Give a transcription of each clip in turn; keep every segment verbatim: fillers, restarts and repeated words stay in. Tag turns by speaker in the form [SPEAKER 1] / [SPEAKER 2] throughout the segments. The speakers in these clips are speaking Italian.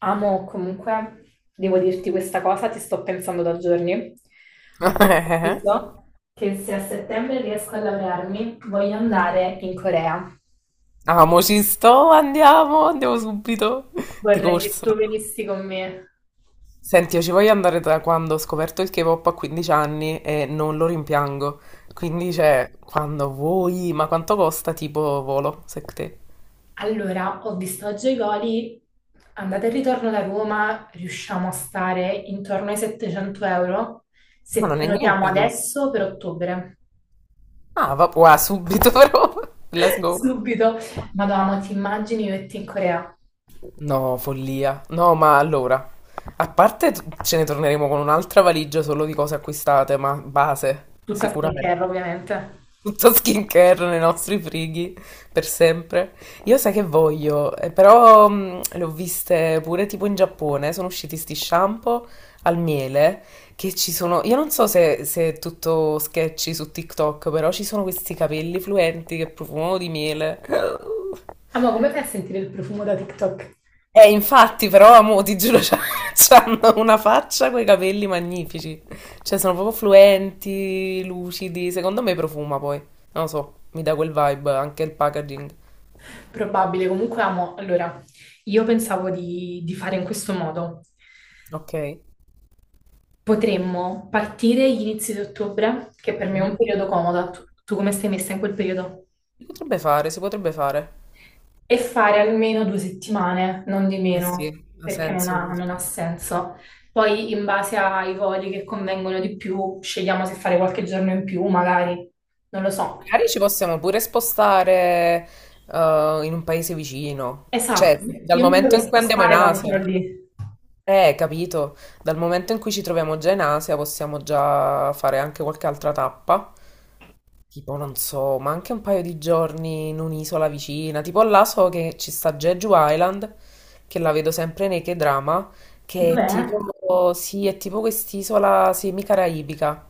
[SPEAKER 1] Amo comunque, devo dirti questa cosa, ti sto pensando da giorni. Io so che se a settembre riesco a laurearmi, voglio andare in Corea.
[SPEAKER 2] Amo, ci sto, andiamo, andiamo subito, di
[SPEAKER 1] Vorrei che
[SPEAKER 2] corsa.
[SPEAKER 1] tu venissi con me.
[SPEAKER 2] Senti, io ci voglio andare da quando ho scoperto il K-pop a quindici anni e non lo rimpiango. Quindi, cioè, quando vuoi, ma quanto costa tipo volo, secondo te?
[SPEAKER 1] Allora, ho visto oggi i voli, andata e ritorno da Roma, riusciamo a stare intorno ai settecento euro
[SPEAKER 2] Ma
[SPEAKER 1] se
[SPEAKER 2] non è
[SPEAKER 1] prenotiamo
[SPEAKER 2] niente comunque.
[SPEAKER 1] adesso per ottobre.
[SPEAKER 2] Ah, va, wow, subito però, let's go.
[SPEAKER 1] Subito. Madonna, ti immagini io e te in Corea?
[SPEAKER 2] No, follia. No, ma allora, a parte t- ce ne torneremo con un'altra valigia solo di cose acquistate, ma base,
[SPEAKER 1] Tutta skincare,
[SPEAKER 2] sicuramente.
[SPEAKER 1] ovviamente.
[SPEAKER 2] Tutto skincare nei nostri frighi per sempre. Io sai che voglio, eh, però mh, le ho viste pure tipo in Giappone, sono usciti sti shampoo al miele che ci sono. Io non so se, se è tutto sketchy su TikTok, però ci sono questi capelli fluenti che profumano di miele.
[SPEAKER 1] Amo, come fai a sentire il profumo da TikTok?
[SPEAKER 2] Eh, infatti, però, amo, ti giuro, c'ha- c'hanno una faccia coi capelli magnifici. Cioè, sono proprio fluenti, lucidi. Secondo me profuma poi. Non lo so, mi dà quel vibe, anche il packaging.
[SPEAKER 1] Probabile, comunque amo. Allora, io pensavo di, di fare in questo modo.
[SPEAKER 2] Ok.
[SPEAKER 1] Potremmo partire gli inizi di ottobre, che per me è
[SPEAKER 2] Mhm.
[SPEAKER 1] un periodo comodo. Tu, tu come stai messa in quel periodo?
[SPEAKER 2] Si potrebbe fare, si potrebbe fare.
[SPEAKER 1] E fare almeno due settimane, non di
[SPEAKER 2] Eh sì,
[SPEAKER 1] meno,
[SPEAKER 2] ha
[SPEAKER 1] perché non
[SPEAKER 2] senso.
[SPEAKER 1] ha, non ha
[SPEAKER 2] perché-
[SPEAKER 1] senso. Poi, in base ai voli che convengono di più, scegliamo se fare qualche giorno in più, magari. Non lo so.
[SPEAKER 2] Magari ci possiamo pure spostare eh, in un paese vicino.
[SPEAKER 1] Esatto,
[SPEAKER 2] Cioè, dal
[SPEAKER 1] io mi
[SPEAKER 2] momento
[SPEAKER 1] vorrei
[SPEAKER 2] in cui andiamo in
[SPEAKER 1] spostare quando sono
[SPEAKER 2] Asia.
[SPEAKER 1] lì.
[SPEAKER 2] Eh, capito. Dal momento in cui ci troviamo già in Asia, possiamo già fare anche qualche altra tappa. Tipo, non so, ma anche un paio di giorni in un'isola vicina. Tipo là so che ci sta Jeju Island, che la vedo sempre nei K-drama, che è
[SPEAKER 1] Dov'è?
[SPEAKER 2] tipo, sì, è tipo quest'isola semi-caraibica.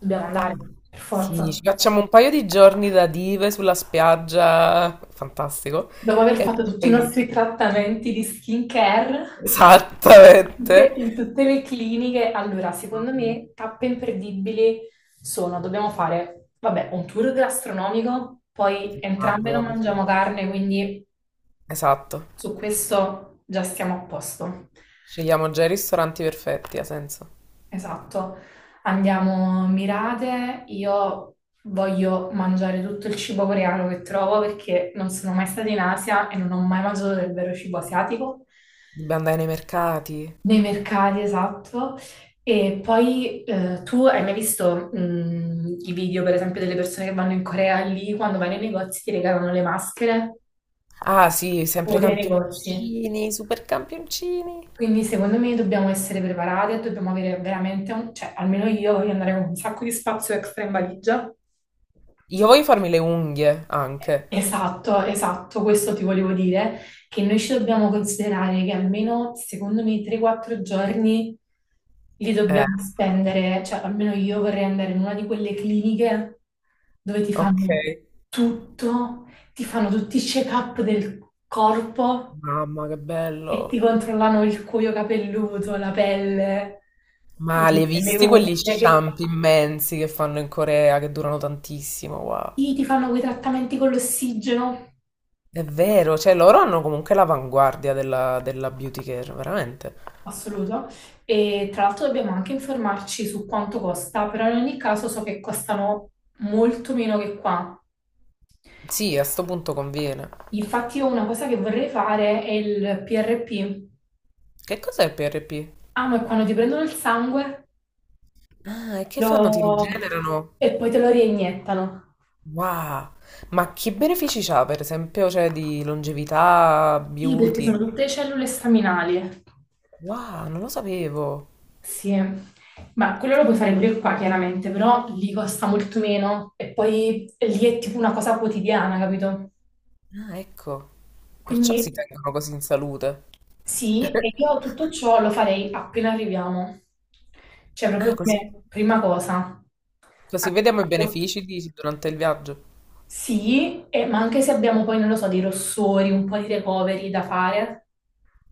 [SPEAKER 1] Dobbiamo andare, per
[SPEAKER 2] Sì,
[SPEAKER 1] forza.
[SPEAKER 2] ci facciamo un paio di giorni da dive sulla spiaggia, fantastico.
[SPEAKER 1] Dopo aver
[SPEAKER 2] E
[SPEAKER 1] fatto tutti i
[SPEAKER 2] poi,
[SPEAKER 1] nostri trattamenti di skincare tutte-
[SPEAKER 2] esattamente.
[SPEAKER 1] in tutte le cliniche, allora, secondo me, tappe imperdibili sono, dobbiamo fare, vabbè, un tour gastronomico, poi
[SPEAKER 2] Ma
[SPEAKER 1] entrambe non
[SPEAKER 2] buono, sì.
[SPEAKER 1] mangiamo carne, quindi
[SPEAKER 2] Esatto.
[SPEAKER 1] su questo già stiamo a posto.
[SPEAKER 2] Scegliamo già i ristoranti perfetti, ha senso.
[SPEAKER 1] Esatto, andiamo mirate, io voglio mangiare tutto il cibo coreano che trovo perché non sono mai stata in Asia e non ho mai mangiato del vero cibo asiatico,
[SPEAKER 2] Dobbiamo andare nei mercati.
[SPEAKER 1] nei mercati, esatto. E poi eh, tu hai mai visto mh, i video, per esempio, delle persone che vanno in Corea lì, quando vanno nei negozi ti regalano le maschere
[SPEAKER 2] Ah, sì,
[SPEAKER 1] o
[SPEAKER 2] sempre
[SPEAKER 1] dei negozi?
[SPEAKER 2] campioncini, super campioncini.
[SPEAKER 1] Quindi secondo me dobbiamo essere preparati e dobbiamo avere veramente un, cioè almeno io voglio andare con un sacco di spazio extra in valigia.
[SPEAKER 2] Io voglio farmi le unghie anche.
[SPEAKER 1] Esatto, esatto, questo ti volevo dire, che noi ci dobbiamo considerare che almeno secondo me tre quattro giorni li
[SPEAKER 2] Eh,
[SPEAKER 1] dobbiamo spendere, cioè almeno io vorrei andare in una di quelle cliniche dove ti
[SPEAKER 2] ok.
[SPEAKER 1] fanno tutto, ti fanno tutti i check-up del corpo
[SPEAKER 2] Mamma, che
[SPEAKER 1] e ti
[SPEAKER 2] bello.
[SPEAKER 1] controllavano il cuoio capelluto, la pelle, le,
[SPEAKER 2] Ma le hai
[SPEAKER 1] le
[SPEAKER 2] visti
[SPEAKER 1] unghie,
[SPEAKER 2] quegli
[SPEAKER 1] che
[SPEAKER 2] shampoo immensi che fanno in Corea che durano tantissimo? Wow.
[SPEAKER 1] sì, ti fanno quei trattamenti con l'ossigeno,
[SPEAKER 2] È vero, cioè loro hanno comunque l'avanguardia della, della beauty care, veramente.
[SPEAKER 1] assoluto. E tra l'altro dobbiamo anche informarci su quanto costa, però in ogni caso so che costano molto meno che qua.
[SPEAKER 2] Sì, a sto punto conviene.
[SPEAKER 1] Infatti io una cosa che vorrei fare è il P R P.
[SPEAKER 2] Che cos'è il P R P?
[SPEAKER 1] Ah, ma è quando ti prendono il sangue
[SPEAKER 2] Ah, e che fanno? Ti
[SPEAKER 1] lo-
[SPEAKER 2] rigenerano?
[SPEAKER 1] e poi te lo reiniettano.
[SPEAKER 2] Wow. Ma che benefici c'ha, per esempio, cioè di longevità,
[SPEAKER 1] Sì, perché sono
[SPEAKER 2] beauty?
[SPEAKER 1] tutte cellule staminali.
[SPEAKER 2] Wow, non lo sapevo.
[SPEAKER 1] Sì, ma quello lo puoi fare pure qua chiaramente, però lì costa molto meno e poi lì è tipo una cosa quotidiana, capito?
[SPEAKER 2] Ah, ecco. Perciò si
[SPEAKER 1] Quindi
[SPEAKER 2] tengono così in salute.
[SPEAKER 1] sì, e io tutto ciò lo farei appena arriviamo, cioè
[SPEAKER 2] Ah,
[SPEAKER 1] proprio
[SPEAKER 2] così?
[SPEAKER 1] come prima cosa.
[SPEAKER 2] Così
[SPEAKER 1] Anche
[SPEAKER 2] vediamo i
[SPEAKER 1] io.
[SPEAKER 2] benefici di- durante il viaggio.
[SPEAKER 1] Sì, e- ma anche se abbiamo poi, non lo so, dei rossori, un po' di recovery da fare,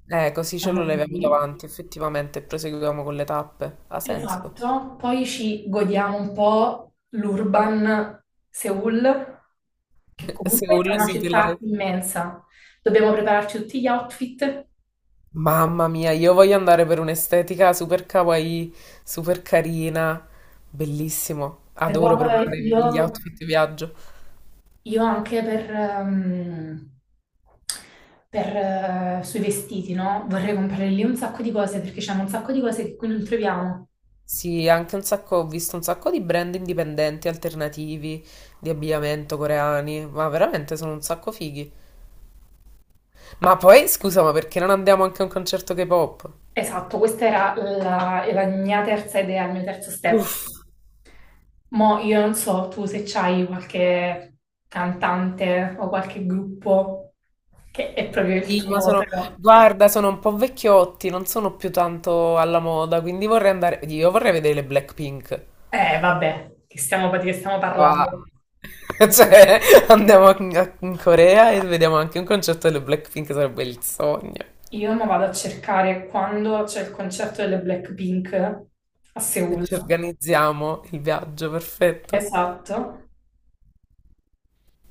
[SPEAKER 2] Eh, così ce
[SPEAKER 1] siamo
[SPEAKER 2] lo leviamo
[SPEAKER 1] lì.
[SPEAKER 2] davanti, effettivamente, e proseguiamo con le tappe. Ha senso.
[SPEAKER 1] Esatto, poi ci godiamo un po' l'urban Seoul, che comunque è
[SPEAKER 2] Seoul
[SPEAKER 1] una
[SPEAKER 2] sì, te
[SPEAKER 1] città
[SPEAKER 2] la...
[SPEAKER 1] immensa. Dobbiamo prepararci tutti gli outfit,
[SPEAKER 2] Mamma mia, io voglio andare per un'estetica super kawaii, super carina, bellissimo.
[SPEAKER 1] però
[SPEAKER 2] Adoro
[SPEAKER 1] eh,
[SPEAKER 2] preparare gli
[SPEAKER 1] io,
[SPEAKER 2] outfit di viaggio.
[SPEAKER 1] io anche per, ehm, per, eh, sui vestiti, no? Vorrei comprare lì un sacco di cose perché c'è un sacco di cose che qui non troviamo.
[SPEAKER 2] Sì, anche un sacco, ho visto un sacco di brand indipendenti, alternativi, di abbigliamento coreani, ma veramente sono un sacco fighi. Ma poi, scusa, ma perché non andiamo anche a un concerto K-pop?
[SPEAKER 1] Esatto, questa era la, la mia terza idea, il mio terzo step.
[SPEAKER 2] Uff.
[SPEAKER 1] Mo' io non so tu se c'hai qualche cantante o qualche gruppo che è proprio il
[SPEAKER 2] Sì, ma
[SPEAKER 1] tuo,
[SPEAKER 2] sono,
[SPEAKER 1] però.
[SPEAKER 2] guarda, sono un po' vecchiotti, non sono più tanto alla moda, quindi vorrei andare, io vorrei vedere le Blackpink.
[SPEAKER 1] Eh, vabbè, che stiamo, di che stiamo
[SPEAKER 2] Ah.
[SPEAKER 1] parlando?
[SPEAKER 2] Cioè, andiamo a- in Corea e vediamo anche un concerto delle Blackpink, sarebbe il sogno.
[SPEAKER 1] Io mi vado a cercare quando c'è il concerto delle Blackpink a
[SPEAKER 2] E
[SPEAKER 1] Seoul.
[SPEAKER 2] ci organizziamo il viaggio, perfetto.
[SPEAKER 1] Esatto.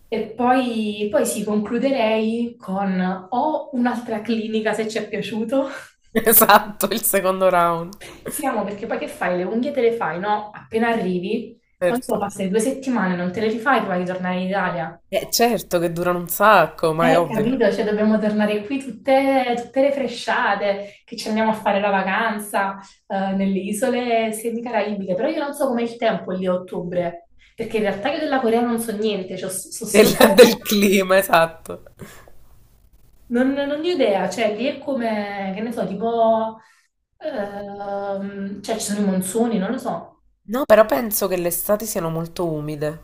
[SPEAKER 1] E poi, poi sì, concluderei con o un'altra clinica se ci è piaciuto.
[SPEAKER 2] Esatto, il secondo round,
[SPEAKER 1] Siamo perché poi che fai? Le unghie te le fai, no? Appena arrivi, poi solo
[SPEAKER 2] certo.
[SPEAKER 1] passare due settimane, non te le rifai prima di tornare in Italia.
[SPEAKER 2] Eh, certo che durano un sacco, ma è
[SPEAKER 1] Eh,
[SPEAKER 2] ovvio,
[SPEAKER 1] capito, cioè dobbiamo tornare qui tutte, tutte refresciate, che ci andiamo a fare la vacanza eh, nelle isole semicaraibiche, però io non so com'è il tempo lì a ottobre, perché in realtà io della Corea non so niente, cioè, so, so solo...
[SPEAKER 2] del, del clima, esatto.
[SPEAKER 1] non, non ho idea, cioè lì è come, che ne so, tipo... ehm, cioè ci sono i monsoni, non lo so.
[SPEAKER 2] No, però penso che le estati siano molto umide,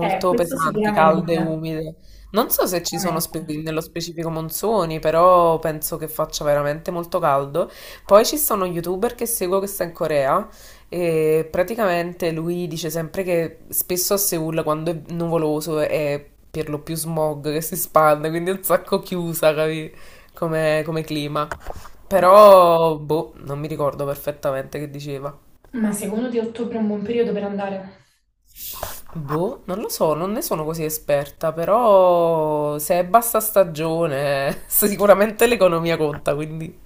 [SPEAKER 1] Eh, questo
[SPEAKER 2] pesanti, calde e
[SPEAKER 1] sicuramente.
[SPEAKER 2] umide. Non
[SPEAKER 1] Questo
[SPEAKER 2] so se ci sono spe-
[SPEAKER 1] sicuramente.
[SPEAKER 2] nello specifico monsoni, però penso che faccia veramente molto caldo. Poi ci sono un youtuber che seguo che sta in Corea e praticamente lui dice sempre che spesso a Seoul quando è nuvoloso è per lo più smog che si spande, quindi è un sacco chiusa, capi? Come, come clima.
[SPEAKER 1] Ma,
[SPEAKER 2] Però, boh, non mi ricordo perfettamente che diceva.
[SPEAKER 1] ma secondo te ottobre è un buon periodo per andare?
[SPEAKER 2] Boh, non lo so, non ne sono così esperta, però se è bassa stagione, sicuramente l'economia conta, quindi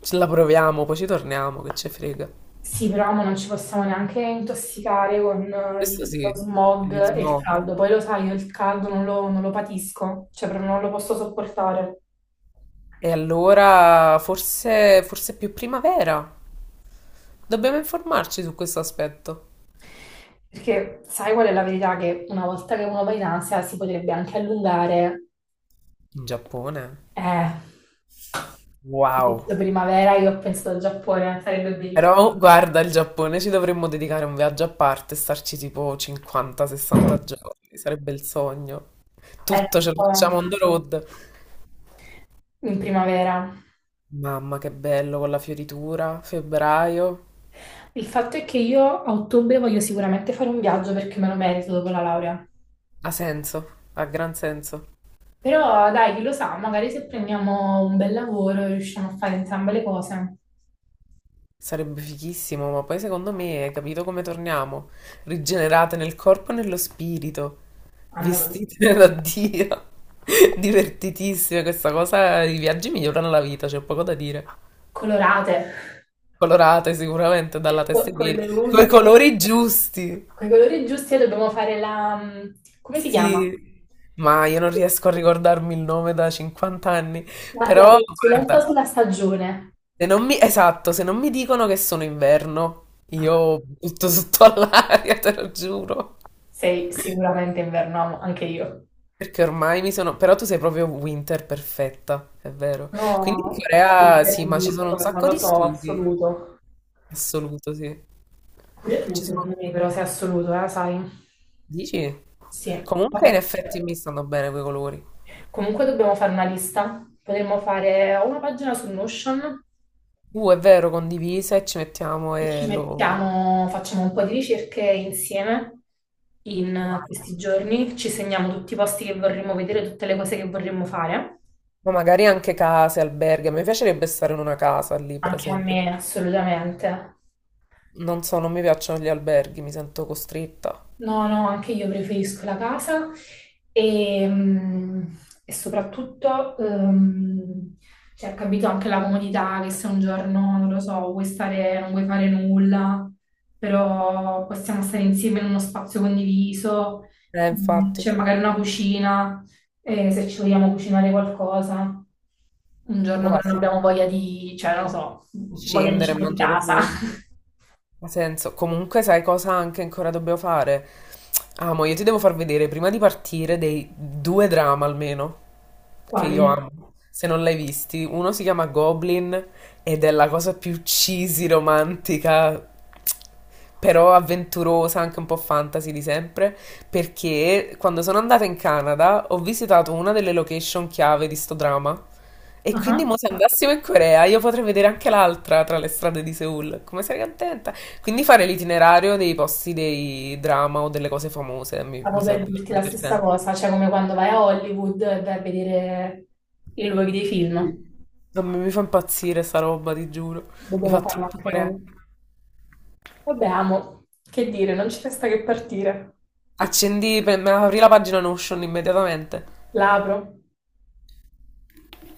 [SPEAKER 2] ce la proviamo, poi ci torniamo, che ci frega.
[SPEAKER 1] Sì, però mo non ci possiamo neanche intossicare con il-
[SPEAKER 2] Questo
[SPEAKER 1] lo
[SPEAKER 2] sì,
[SPEAKER 1] smog
[SPEAKER 2] gli
[SPEAKER 1] e il
[SPEAKER 2] smog.
[SPEAKER 1] caldo. Poi lo sai, io il caldo non lo, non lo patisco, cioè proprio non lo posso sopportare.
[SPEAKER 2] E allora forse, forse è più primavera. Dobbiamo informarci su questo aspetto.
[SPEAKER 1] Perché sai qual è la verità? Che una volta che uno va in Asia si potrebbe anche allungare.
[SPEAKER 2] In Giappone?
[SPEAKER 1] Eh, hai
[SPEAKER 2] Wow.
[SPEAKER 1] detto primavera, io ho pensato al Giappone, sarebbe
[SPEAKER 2] Però
[SPEAKER 1] bellissimo.
[SPEAKER 2] guarda, il Giappone ci dovremmo dedicare un viaggio a parte e starci tipo cinquanta a sessanta giorni, sarebbe il sogno.
[SPEAKER 1] Eh,
[SPEAKER 2] Tutto
[SPEAKER 1] lo
[SPEAKER 2] ce lo facciamo
[SPEAKER 1] so,
[SPEAKER 2] on the road.
[SPEAKER 1] in primavera.
[SPEAKER 2] Mamma, che bello con la fioritura, febbraio.
[SPEAKER 1] Il fatto è che io a ottobre voglio sicuramente fare un viaggio perché me lo merito dopo la laurea.
[SPEAKER 2] Ha senso, ha gran senso.
[SPEAKER 1] Però dai, chi lo sa, magari se prendiamo un bel lavoro riusciamo a fare entrambe le cose.
[SPEAKER 2] Sarebbe fighissimo, ma poi secondo me hai capito come torniamo? Rigenerate nel corpo e nello spirito,
[SPEAKER 1] Amore,
[SPEAKER 2] vestite da Dio. Divertitissime, questa cosa, i viaggi migliorano la vita, c'è poco da dire.
[SPEAKER 1] colorate,
[SPEAKER 2] Colorate sicuramente dalla testa
[SPEAKER 1] co-
[SPEAKER 2] ai
[SPEAKER 1] con
[SPEAKER 2] piedi,
[SPEAKER 1] le
[SPEAKER 2] coi
[SPEAKER 1] unghie,
[SPEAKER 2] colori giusti.
[SPEAKER 1] con i colori giusti e dobbiamo fare la... come si chiama?
[SPEAKER 2] Sì. Ma io non riesco a ricordarmi il nome da cinquanta anni,
[SPEAKER 1] La, la
[SPEAKER 2] però
[SPEAKER 1] consulenza
[SPEAKER 2] guarda,
[SPEAKER 1] sulla stagione.
[SPEAKER 2] se non mi, esatto, se non mi dicono che sono inverno,
[SPEAKER 1] Ah,
[SPEAKER 2] io butto sotto all'aria, te lo giuro.
[SPEAKER 1] sei sicuramente inverno, anche io.
[SPEAKER 2] Perché ormai mi sono... Però tu sei proprio winter perfetta, è vero.
[SPEAKER 1] No,
[SPEAKER 2] Quindi in
[SPEAKER 1] un
[SPEAKER 2] Corea sì, ma ci sono
[SPEAKER 1] verdicto,
[SPEAKER 2] un
[SPEAKER 1] non
[SPEAKER 2] sacco
[SPEAKER 1] lo
[SPEAKER 2] di
[SPEAKER 1] so,
[SPEAKER 2] studi.
[SPEAKER 1] assoluto.
[SPEAKER 2] Assoluto, sì. Ci sono...
[SPEAKER 1] Secondo me però sei assoluto, eh, sai?
[SPEAKER 2] Dici?
[SPEAKER 1] Sì,
[SPEAKER 2] Comunque in
[SPEAKER 1] vabbè.
[SPEAKER 2] effetti mi stanno bene quei colori.
[SPEAKER 1] Comunque dobbiamo fare una lista. Potremmo fare una pagina su Notion
[SPEAKER 2] Uh, è vero, condivise e ci mettiamo
[SPEAKER 1] e ci
[SPEAKER 2] e lo...
[SPEAKER 1] mettiamo, facciamo un po' di ricerche insieme in
[SPEAKER 2] Guarda.
[SPEAKER 1] questi giorni, ci segniamo tutti i posti che vorremmo vedere, tutte le cose che vorremmo fare.
[SPEAKER 2] Ma magari anche case, alberghi. A me piacerebbe stare in una casa lì, per
[SPEAKER 1] Anche a
[SPEAKER 2] esempio.
[SPEAKER 1] me, assolutamente.
[SPEAKER 2] Non so, non mi piacciono gli alberghi, mi sento costretta.
[SPEAKER 1] No, no, anche io preferisco la casa e, mm, e soprattutto ehm, cioè, capito anche la comodità che se un giorno, non lo so, vuoi stare, non vuoi fare nulla, però possiamo stare insieme in uno spazio condiviso,
[SPEAKER 2] Eh,
[SPEAKER 1] mm,
[SPEAKER 2] infatti.
[SPEAKER 1] c'è magari una cucina, eh, se ci vogliamo cucinare qualcosa, un giorno che
[SPEAKER 2] Ma
[SPEAKER 1] non
[SPEAKER 2] sì,
[SPEAKER 1] abbiamo voglia di, cioè, non lo so,
[SPEAKER 2] di
[SPEAKER 1] voglia di
[SPEAKER 2] scendere e
[SPEAKER 1] cibo di
[SPEAKER 2] mangiare
[SPEAKER 1] casa.
[SPEAKER 2] fuori. Ha senso. Comunque, sai cosa anche ancora dobbiamo fare? Amo, io ti devo far vedere prima di partire dei due drama almeno. Che io
[SPEAKER 1] Quali?
[SPEAKER 2] amo. Se non l'hai visti, uno si chiama Goblin ed è la cosa più cheesy, romantica, però avventurosa, anche un po' fantasy di sempre, perché quando sono andata in Canada ho visitato una delle location chiave di sto dramma. E quindi
[SPEAKER 1] Ah.
[SPEAKER 2] mo se andassimo in Corea io potrei vedere anche l'altra tra le strade di Seoul. Come sarei contenta? Quindi fare l'itinerario dei posti dei drama o delle cose famose mi,
[SPEAKER 1] Stavo
[SPEAKER 2] mi
[SPEAKER 1] per
[SPEAKER 2] sarebbe
[SPEAKER 1] dirti
[SPEAKER 2] troppo
[SPEAKER 1] la stessa
[SPEAKER 2] divertente.
[SPEAKER 1] cosa, cioè come quando vai a Hollywood e vai a vedere i luoghi dei film.
[SPEAKER 2] Non mi mi fa impazzire sta roba, ti giuro. Mi
[SPEAKER 1] Dobbiamo
[SPEAKER 2] fa
[SPEAKER 1] farlo
[SPEAKER 2] troppo
[SPEAKER 1] anche
[SPEAKER 2] parere.
[SPEAKER 1] noi. Vabbè, amo, che dire, non ci resta che partire.
[SPEAKER 2] Accendi, pre- me- apri la pagina Notion immediatamente.
[SPEAKER 1] L'apro.